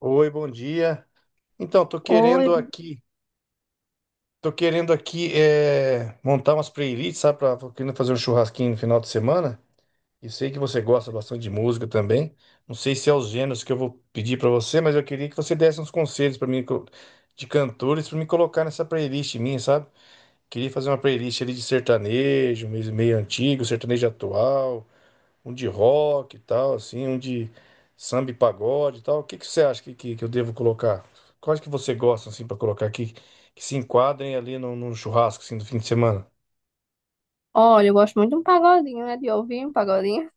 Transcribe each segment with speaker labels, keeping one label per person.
Speaker 1: Oi, bom dia. Então,
Speaker 2: Oi,
Speaker 1: tô querendo aqui montar umas playlists, sabe? Tô querendo fazer um churrasquinho no final de semana. E sei que você gosta bastante de música também. Não sei se é os gêneros que eu vou pedir pra você, mas eu queria que você desse uns conselhos pra mim de cantores pra me colocar nessa playlist minha, sabe? Queria fazer uma playlist ali de sertanejo, meio antigo, sertanejo atual, um de rock e tal, assim, um de samba e pagode e tal. O que que você acha que eu devo colocar? Quais que você gosta, assim, para colocar aqui, que se enquadrem ali no churrasco, assim, do fim de semana?
Speaker 2: olha, eu gosto muito de um pagodinho, né? De ouvir um pagodinho.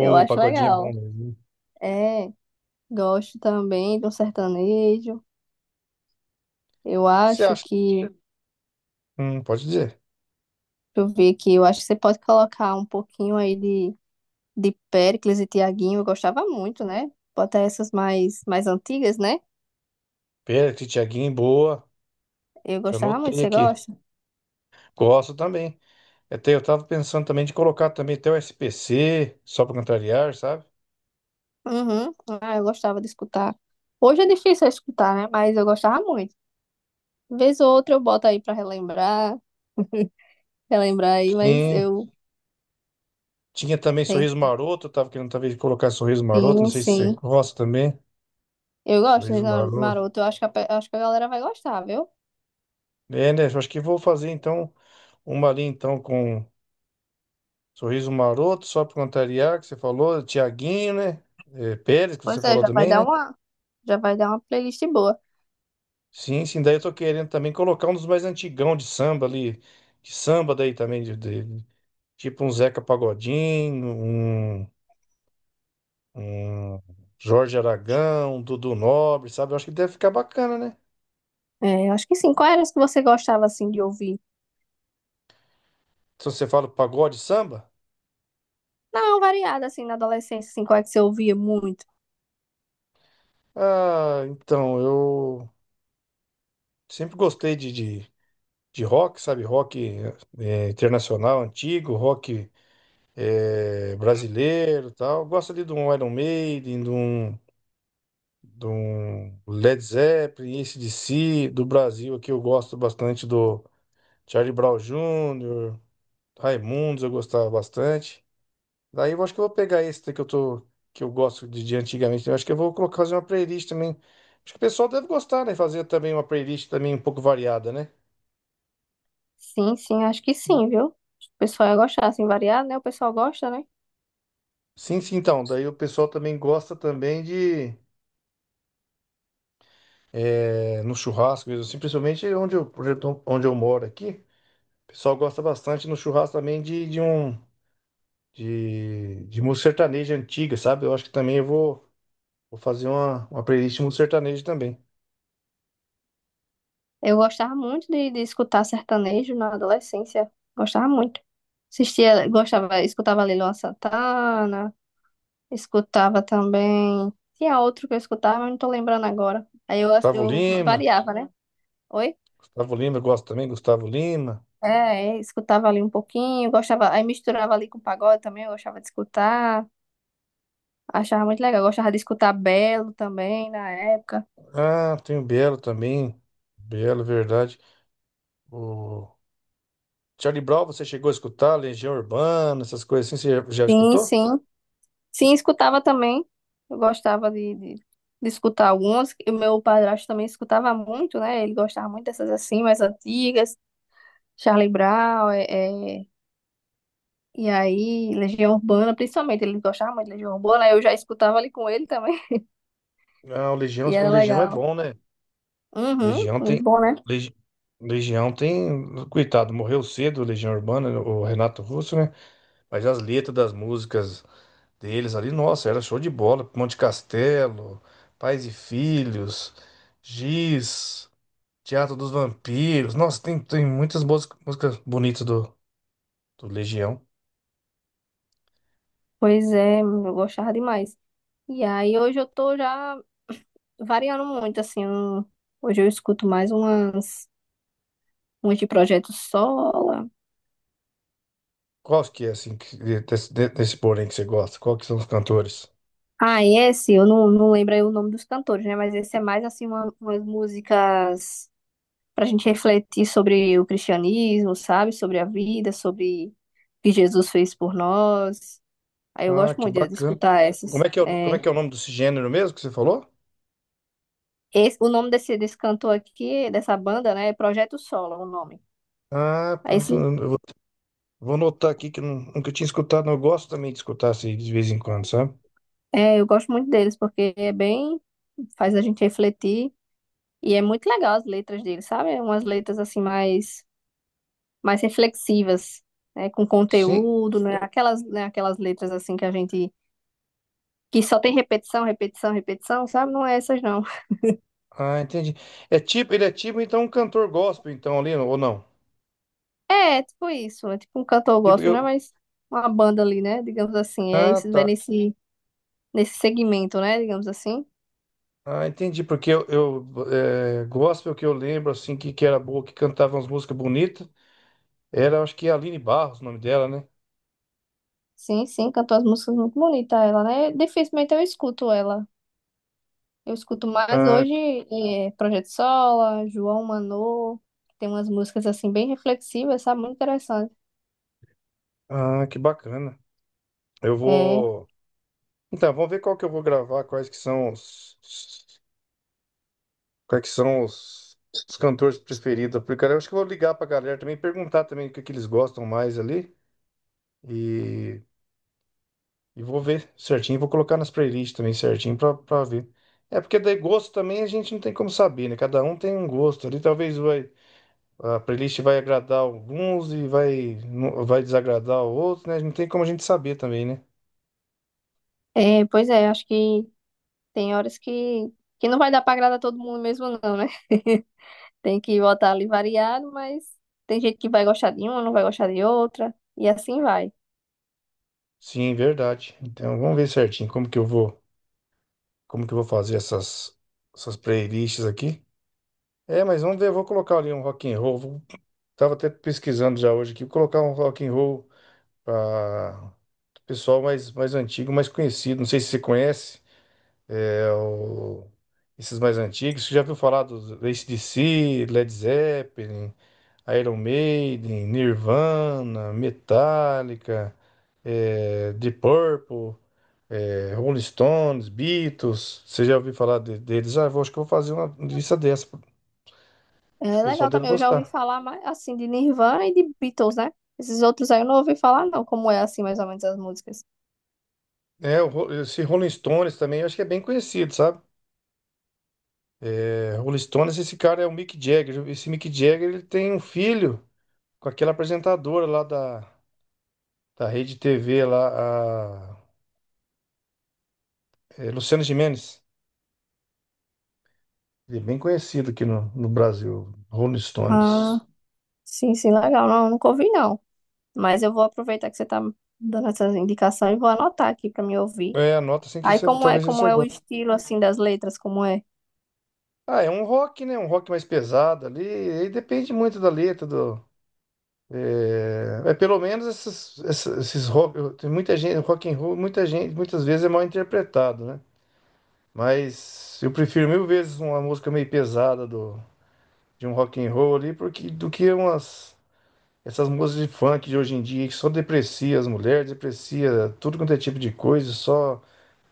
Speaker 2: Eu acho
Speaker 1: pagodinho é bom
Speaker 2: legal.
Speaker 1: mesmo.
Speaker 2: É, gosto também de um sertanejo. Eu
Speaker 1: O que você
Speaker 2: acho
Speaker 1: acha?
Speaker 2: que, deixa
Speaker 1: Pode dizer.
Speaker 2: eu ver aqui, eu acho que você pode colocar um pouquinho aí de Péricles e Tiaguinho. Eu gostava muito, né? Botar essas mais antigas, né?
Speaker 1: Pérez, Thiaguinho, boa.
Speaker 2: Eu
Speaker 1: Já
Speaker 2: gostava muito.
Speaker 1: anotei
Speaker 2: Você
Speaker 1: aqui.
Speaker 2: gosta?
Speaker 1: Gosto também. Até eu tava pensando também de colocar também até o SPC, só pra contrariar, sabe?
Speaker 2: Uhum. Ah, eu gostava de escutar. Hoje é difícil eu escutar, né? Mas eu gostava muito. Vez ou outra eu boto aí pra relembrar, relembrar aí, mas
Speaker 1: Sim.
Speaker 2: eu
Speaker 1: Tinha também Sorriso
Speaker 2: tenho.
Speaker 1: Maroto, eu tava querendo talvez colocar Sorriso Maroto, não
Speaker 2: Sim,
Speaker 1: sei se você
Speaker 2: sim.
Speaker 1: gosta também.
Speaker 2: Eu gosto de
Speaker 1: Sorriso
Speaker 2: Ricardo
Speaker 1: Maroto.
Speaker 2: Maroto. Eu acho que acho que a galera vai gostar, viu?
Speaker 1: É, né? Eu acho que vou fazer então uma ali então com Sorriso Maroto, só para contrariar, que você falou, Tiaguinho, né? É, Pérez, que você
Speaker 2: Pois é,
Speaker 1: falou também, né?
Speaker 2: já vai dar uma playlist boa.
Speaker 1: Sim, sim, daí eu tô querendo também colocar um dos mais antigão de samba ali, de samba daí também, tipo um Zeca Pagodinho, um Jorge Aragão, um Dudu Nobre, sabe? Eu acho que deve ficar bacana, né?
Speaker 2: É, eu acho que sim. Qual era as que você gostava, assim, de ouvir?
Speaker 1: Se você fala pagode samba,
Speaker 2: Não, variada, assim, na adolescência, assim, qual é que você ouvia muito?
Speaker 1: ah, então eu sempre gostei de rock, sabe? Rock. É, internacional antigo, rock, brasileiro e tal. Gosto ali de um Iron Maiden, de um Led Zeppelin, AC/DC, do Brasil aqui eu gosto bastante do Charlie Brown Jr., Raimundos eu gostava bastante. Daí eu acho que eu vou pegar esse daí que eu gosto de antigamente. Eu acho que eu vou colocar fazer uma playlist também. Acho que o pessoal deve gostar, né? Fazer também uma playlist também um pouco variada, né?
Speaker 2: Sim, sim, acho que sim, viu? O pessoal ia gostar, assim, variado, né? O pessoal gosta, né?
Speaker 1: Sim, sim, então. Daí o pessoal também gosta também de, no churrasco, mesmo assim, principalmente onde eu moro aqui. O pessoal gosta bastante no churrasco também de um de música sertaneja antiga, sabe? Eu acho que também vou fazer uma playlist de música sertaneja também.
Speaker 2: Eu gostava muito de escutar sertanejo na adolescência. Gostava muito. Assistia, gostava, escutava Lila Santana. Escutava também. Tinha outro que eu escutava, mas não tô lembrando agora. Aí eu,
Speaker 1: Gustavo
Speaker 2: eu
Speaker 1: Lima,
Speaker 2: variava, né? Oi?
Speaker 1: Gustavo Lima, eu gosto também, Gustavo Lima.
Speaker 2: É, escutava ali um pouquinho, gostava, aí misturava ali com pagode também, eu gostava de escutar, achava muito legal, gostava de escutar Belo também na época.
Speaker 1: Ah, tem o Belo também. Belo, verdade. O Charlie Brown, você chegou a escutar? Legião Urbana, essas coisas assim, você já
Speaker 2: Sim,
Speaker 1: escutou?
Speaker 2: sim. Sim, escutava também. Eu gostava de escutar algumas. O meu padrasto também escutava muito, né? Ele gostava muito dessas assim, mais antigas, Charlie Brown, é, E aí, Legião Urbana, principalmente, ele gostava muito de Legião Urbana, aí eu já escutava ali com ele também.
Speaker 1: Ah,
Speaker 2: E
Speaker 1: o
Speaker 2: era
Speaker 1: Legião é
Speaker 2: legal.
Speaker 1: bom, né?
Speaker 2: Uhum,
Speaker 1: Legião
Speaker 2: muito
Speaker 1: tem.
Speaker 2: bom, né?
Speaker 1: Legi- Legião tem. Coitado, morreu cedo, Legião Urbana, o Renato Russo, né? Mas as letras das músicas deles ali, nossa, era show de bola. Monte Castelo, Pais e Filhos, Giz, Teatro dos Vampiros. Nossa, tem, tem muitas boas músicas bonitas do Legião.
Speaker 2: Pois é, eu gostava demais. E aí, hoje eu tô já variando muito, assim. Hoje eu escuto mais umas de Projeto Sola.
Speaker 1: Qual que é, assim, desse porém que você gosta? Qual que são os cantores?
Speaker 2: Ah, e esse, eu não lembro aí o nome dos cantores, né? Mas esse é mais, assim, umas músicas pra gente refletir sobre o cristianismo, sabe? Sobre a vida, sobre o que Jesus fez por nós. Aí eu
Speaker 1: Ah,
Speaker 2: gosto
Speaker 1: que
Speaker 2: muito de
Speaker 1: bacana.
Speaker 2: escutar
Speaker 1: Como
Speaker 2: essas.
Speaker 1: é que é, como é que
Speaker 2: É,
Speaker 1: é o nome desse gênero mesmo que você falou?
Speaker 2: esse, o nome desse cantor aqui, dessa banda, né, é Projeto Solo, o nome.
Speaker 1: Ah,
Speaker 2: Aí esse,
Speaker 1: vou anotar aqui que eu nunca tinha escutado. Eu gosto também de escutar assim, de vez em quando, sabe?
Speaker 2: é, eu gosto muito deles, porque é bem, faz a gente refletir, e é muito legal as letras deles, sabe? É Umas letras, assim, mais reflexivas, né, com
Speaker 1: Sim.
Speaker 2: conteúdo, né, aquelas letras, assim, que a gente, que só tem repetição, repetição, repetição, sabe? Não é essas, não.
Speaker 1: Ah, entendi. É tipo, ele é tipo então um cantor gospel, então, ali, ou não?
Speaker 2: É, tipo isso, é tipo um cantor
Speaker 1: Tipo,
Speaker 2: gospel, né,
Speaker 1: eu...
Speaker 2: mas uma banda ali, né, digamos assim, é,
Speaker 1: Ah,
Speaker 2: isso, vai
Speaker 1: tá.
Speaker 2: nesse segmento, né? Digamos assim.
Speaker 1: Ah, entendi. Porque eu é, gospel que eu lembro, assim, que era boa, que cantava umas músicas bonitas. Era, acho que é Aline Barros, o nome dela, né?
Speaker 2: Sim, sim, cantou as músicas muito bonita ela, né? Dificilmente eu escuto ela. Eu escuto mais
Speaker 1: Ah,
Speaker 2: hoje é, Projeto Sola, João Manô, que tem umas músicas assim bem reflexivas, sabe? Muito interessante.
Speaker 1: ah, que bacana. Eu
Speaker 2: É,
Speaker 1: vou. Então, vamos ver qual que eu vou gravar, quais que são os. Quais os cantores preferidos? Porque cara, eu acho que eu vou ligar pra galera também, perguntar também que eles gostam mais ali. E, e vou ver certinho, vou colocar nas playlists também certinho pra ver. É porque daí gosto também a gente não tem como saber, né? Cada um tem um gosto ali. A playlist vai agradar alguns vai desagradar outros, né? Não tem como a gente saber também, né?
Speaker 2: pois é, acho que tem horas que não vai dar pra agradar todo mundo mesmo, não, né? Tem que botar ali variado, mas tem gente que vai gostar de uma, não vai gostar de outra, e assim vai.
Speaker 1: Sim, verdade. Então vamos ver certinho como que eu vou fazer essas playlists aqui. É, mas vamos ver, eu vou colocar ali um rock and roll. Tava até pesquisando já hoje aqui, vou colocar um rock and roll para pessoal mais, mais antigo, mais conhecido. Não sei se você conhece é, esses mais antigos. Você já viu falar dos AC/DC, Led Zeppelin, Iron Maiden, Nirvana, Metallica, The Purple, Rolling Stones, Beatles. Você já ouviu falar deles? Ah, acho que eu vou fazer uma lista dessa. Acho que o
Speaker 2: É
Speaker 1: pessoal
Speaker 2: legal
Speaker 1: deve
Speaker 2: também, eu já ouvi
Speaker 1: gostar.
Speaker 2: falar mais assim de Nirvana e de Beatles, né? Esses outros aí eu não ouvi falar, não, como é assim mais ou menos as músicas.
Speaker 1: É, esse Rolling Stones também, eu acho que é bem conhecido, sabe? É, Rolling Stones, esse cara é o Mick Jagger. Esse Mick Jagger, ele tem um filho com aquela apresentadora lá da Rede TV, lá, Luciana Gimenez. Ele é bem conhecido aqui no Brasil, Rolling
Speaker 2: Ah,
Speaker 1: Stones.
Speaker 2: sim, sim, legal. Não, nunca ouvi, não. Mas eu vou aproveitar que você tá dando essas indicações e vou anotar aqui pra me ouvir.
Speaker 1: É, anota assim
Speaker 2: Aí
Speaker 1: talvez
Speaker 2: como
Speaker 1: você
Speaker 2: é o
Speaker 1: goste.
Speaker 2: estilo assim das letras, como é?
Speaker 1: Ah, é um rock, né? Um rock mais pesado ali. Aí depende muito da letra, do... Pelo menos esses rock... Tem muita gente, rock and roll, muita gente, muitas vezes é mal interpretado, né? Mas eu prefiro mil vezes uma música meio pesada de um rock and roll ali, porque do que umas essas músicas de funk de hoje em dia que só deprecia as mulheres, deprecia tudo quanto é tipo de coisa, só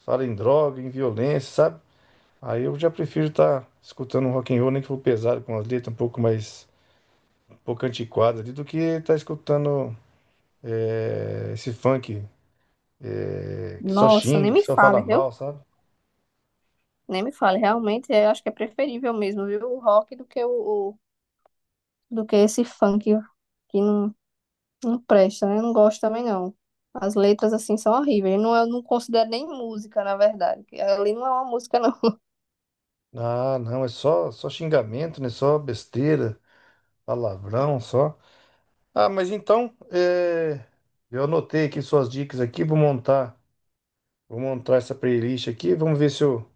Speaker 1: fala em droga, em violência, sabe? Aí eu já prefiro estar escutando um rock and roll, nem que for pesado, com as letras um pouco mais um pouco antiquadas ali, do que estar escutando esse funk que só
Speaker 2: Nossa, nem
Speaker 1: xinga, que
Speaker 2: me
Speaker 1: só fala
Speaker 2: fale, viu?
Speaker 1: mal, sabe?
Speaker 2: Nem me fale. Realmente, eu acho que é preferível mesmo, viu? O rock do que do que esse funk que não, Não presta, né? Eu não gosto também, não. As letras, assim, são horríveis. Não, é, eu não considero nem música, na verdade. Que Ali não é uma música, não.
Speaker 1: Ah, não, é só xingamento, né? Só besteira. Palavrão só. Ah, mas então, eu anotei aqui suas dicas aqui, vou montar essa playlist aqui, vamos ver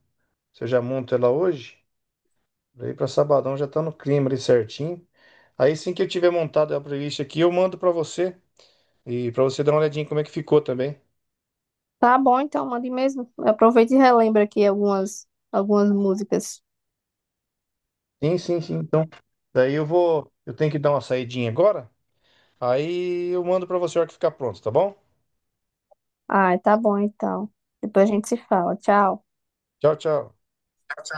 Speaker 1: se eu já monto ela hoje. Daí para sabadão já tá no clima ali certinho. Aí assim que eu tiver montado a playlist aqui, eu mando para você e para você dar uma olhadinha como é que ficou também.
Speaker 2: Tá bom, então, mande mesmo. Aproveita e relembra aqui algumas, algumas músicas.
Speaker 1: Sim, sim, sim. Então, eu tenho que dar uma saidinha agora. Aí eu mando para você a hora que ficar pronto, tá bom?
Speaker 2: Ah, tá bom, então. Depois a gente se fala. Tchau.
Speaker 1: Tchau, tchau.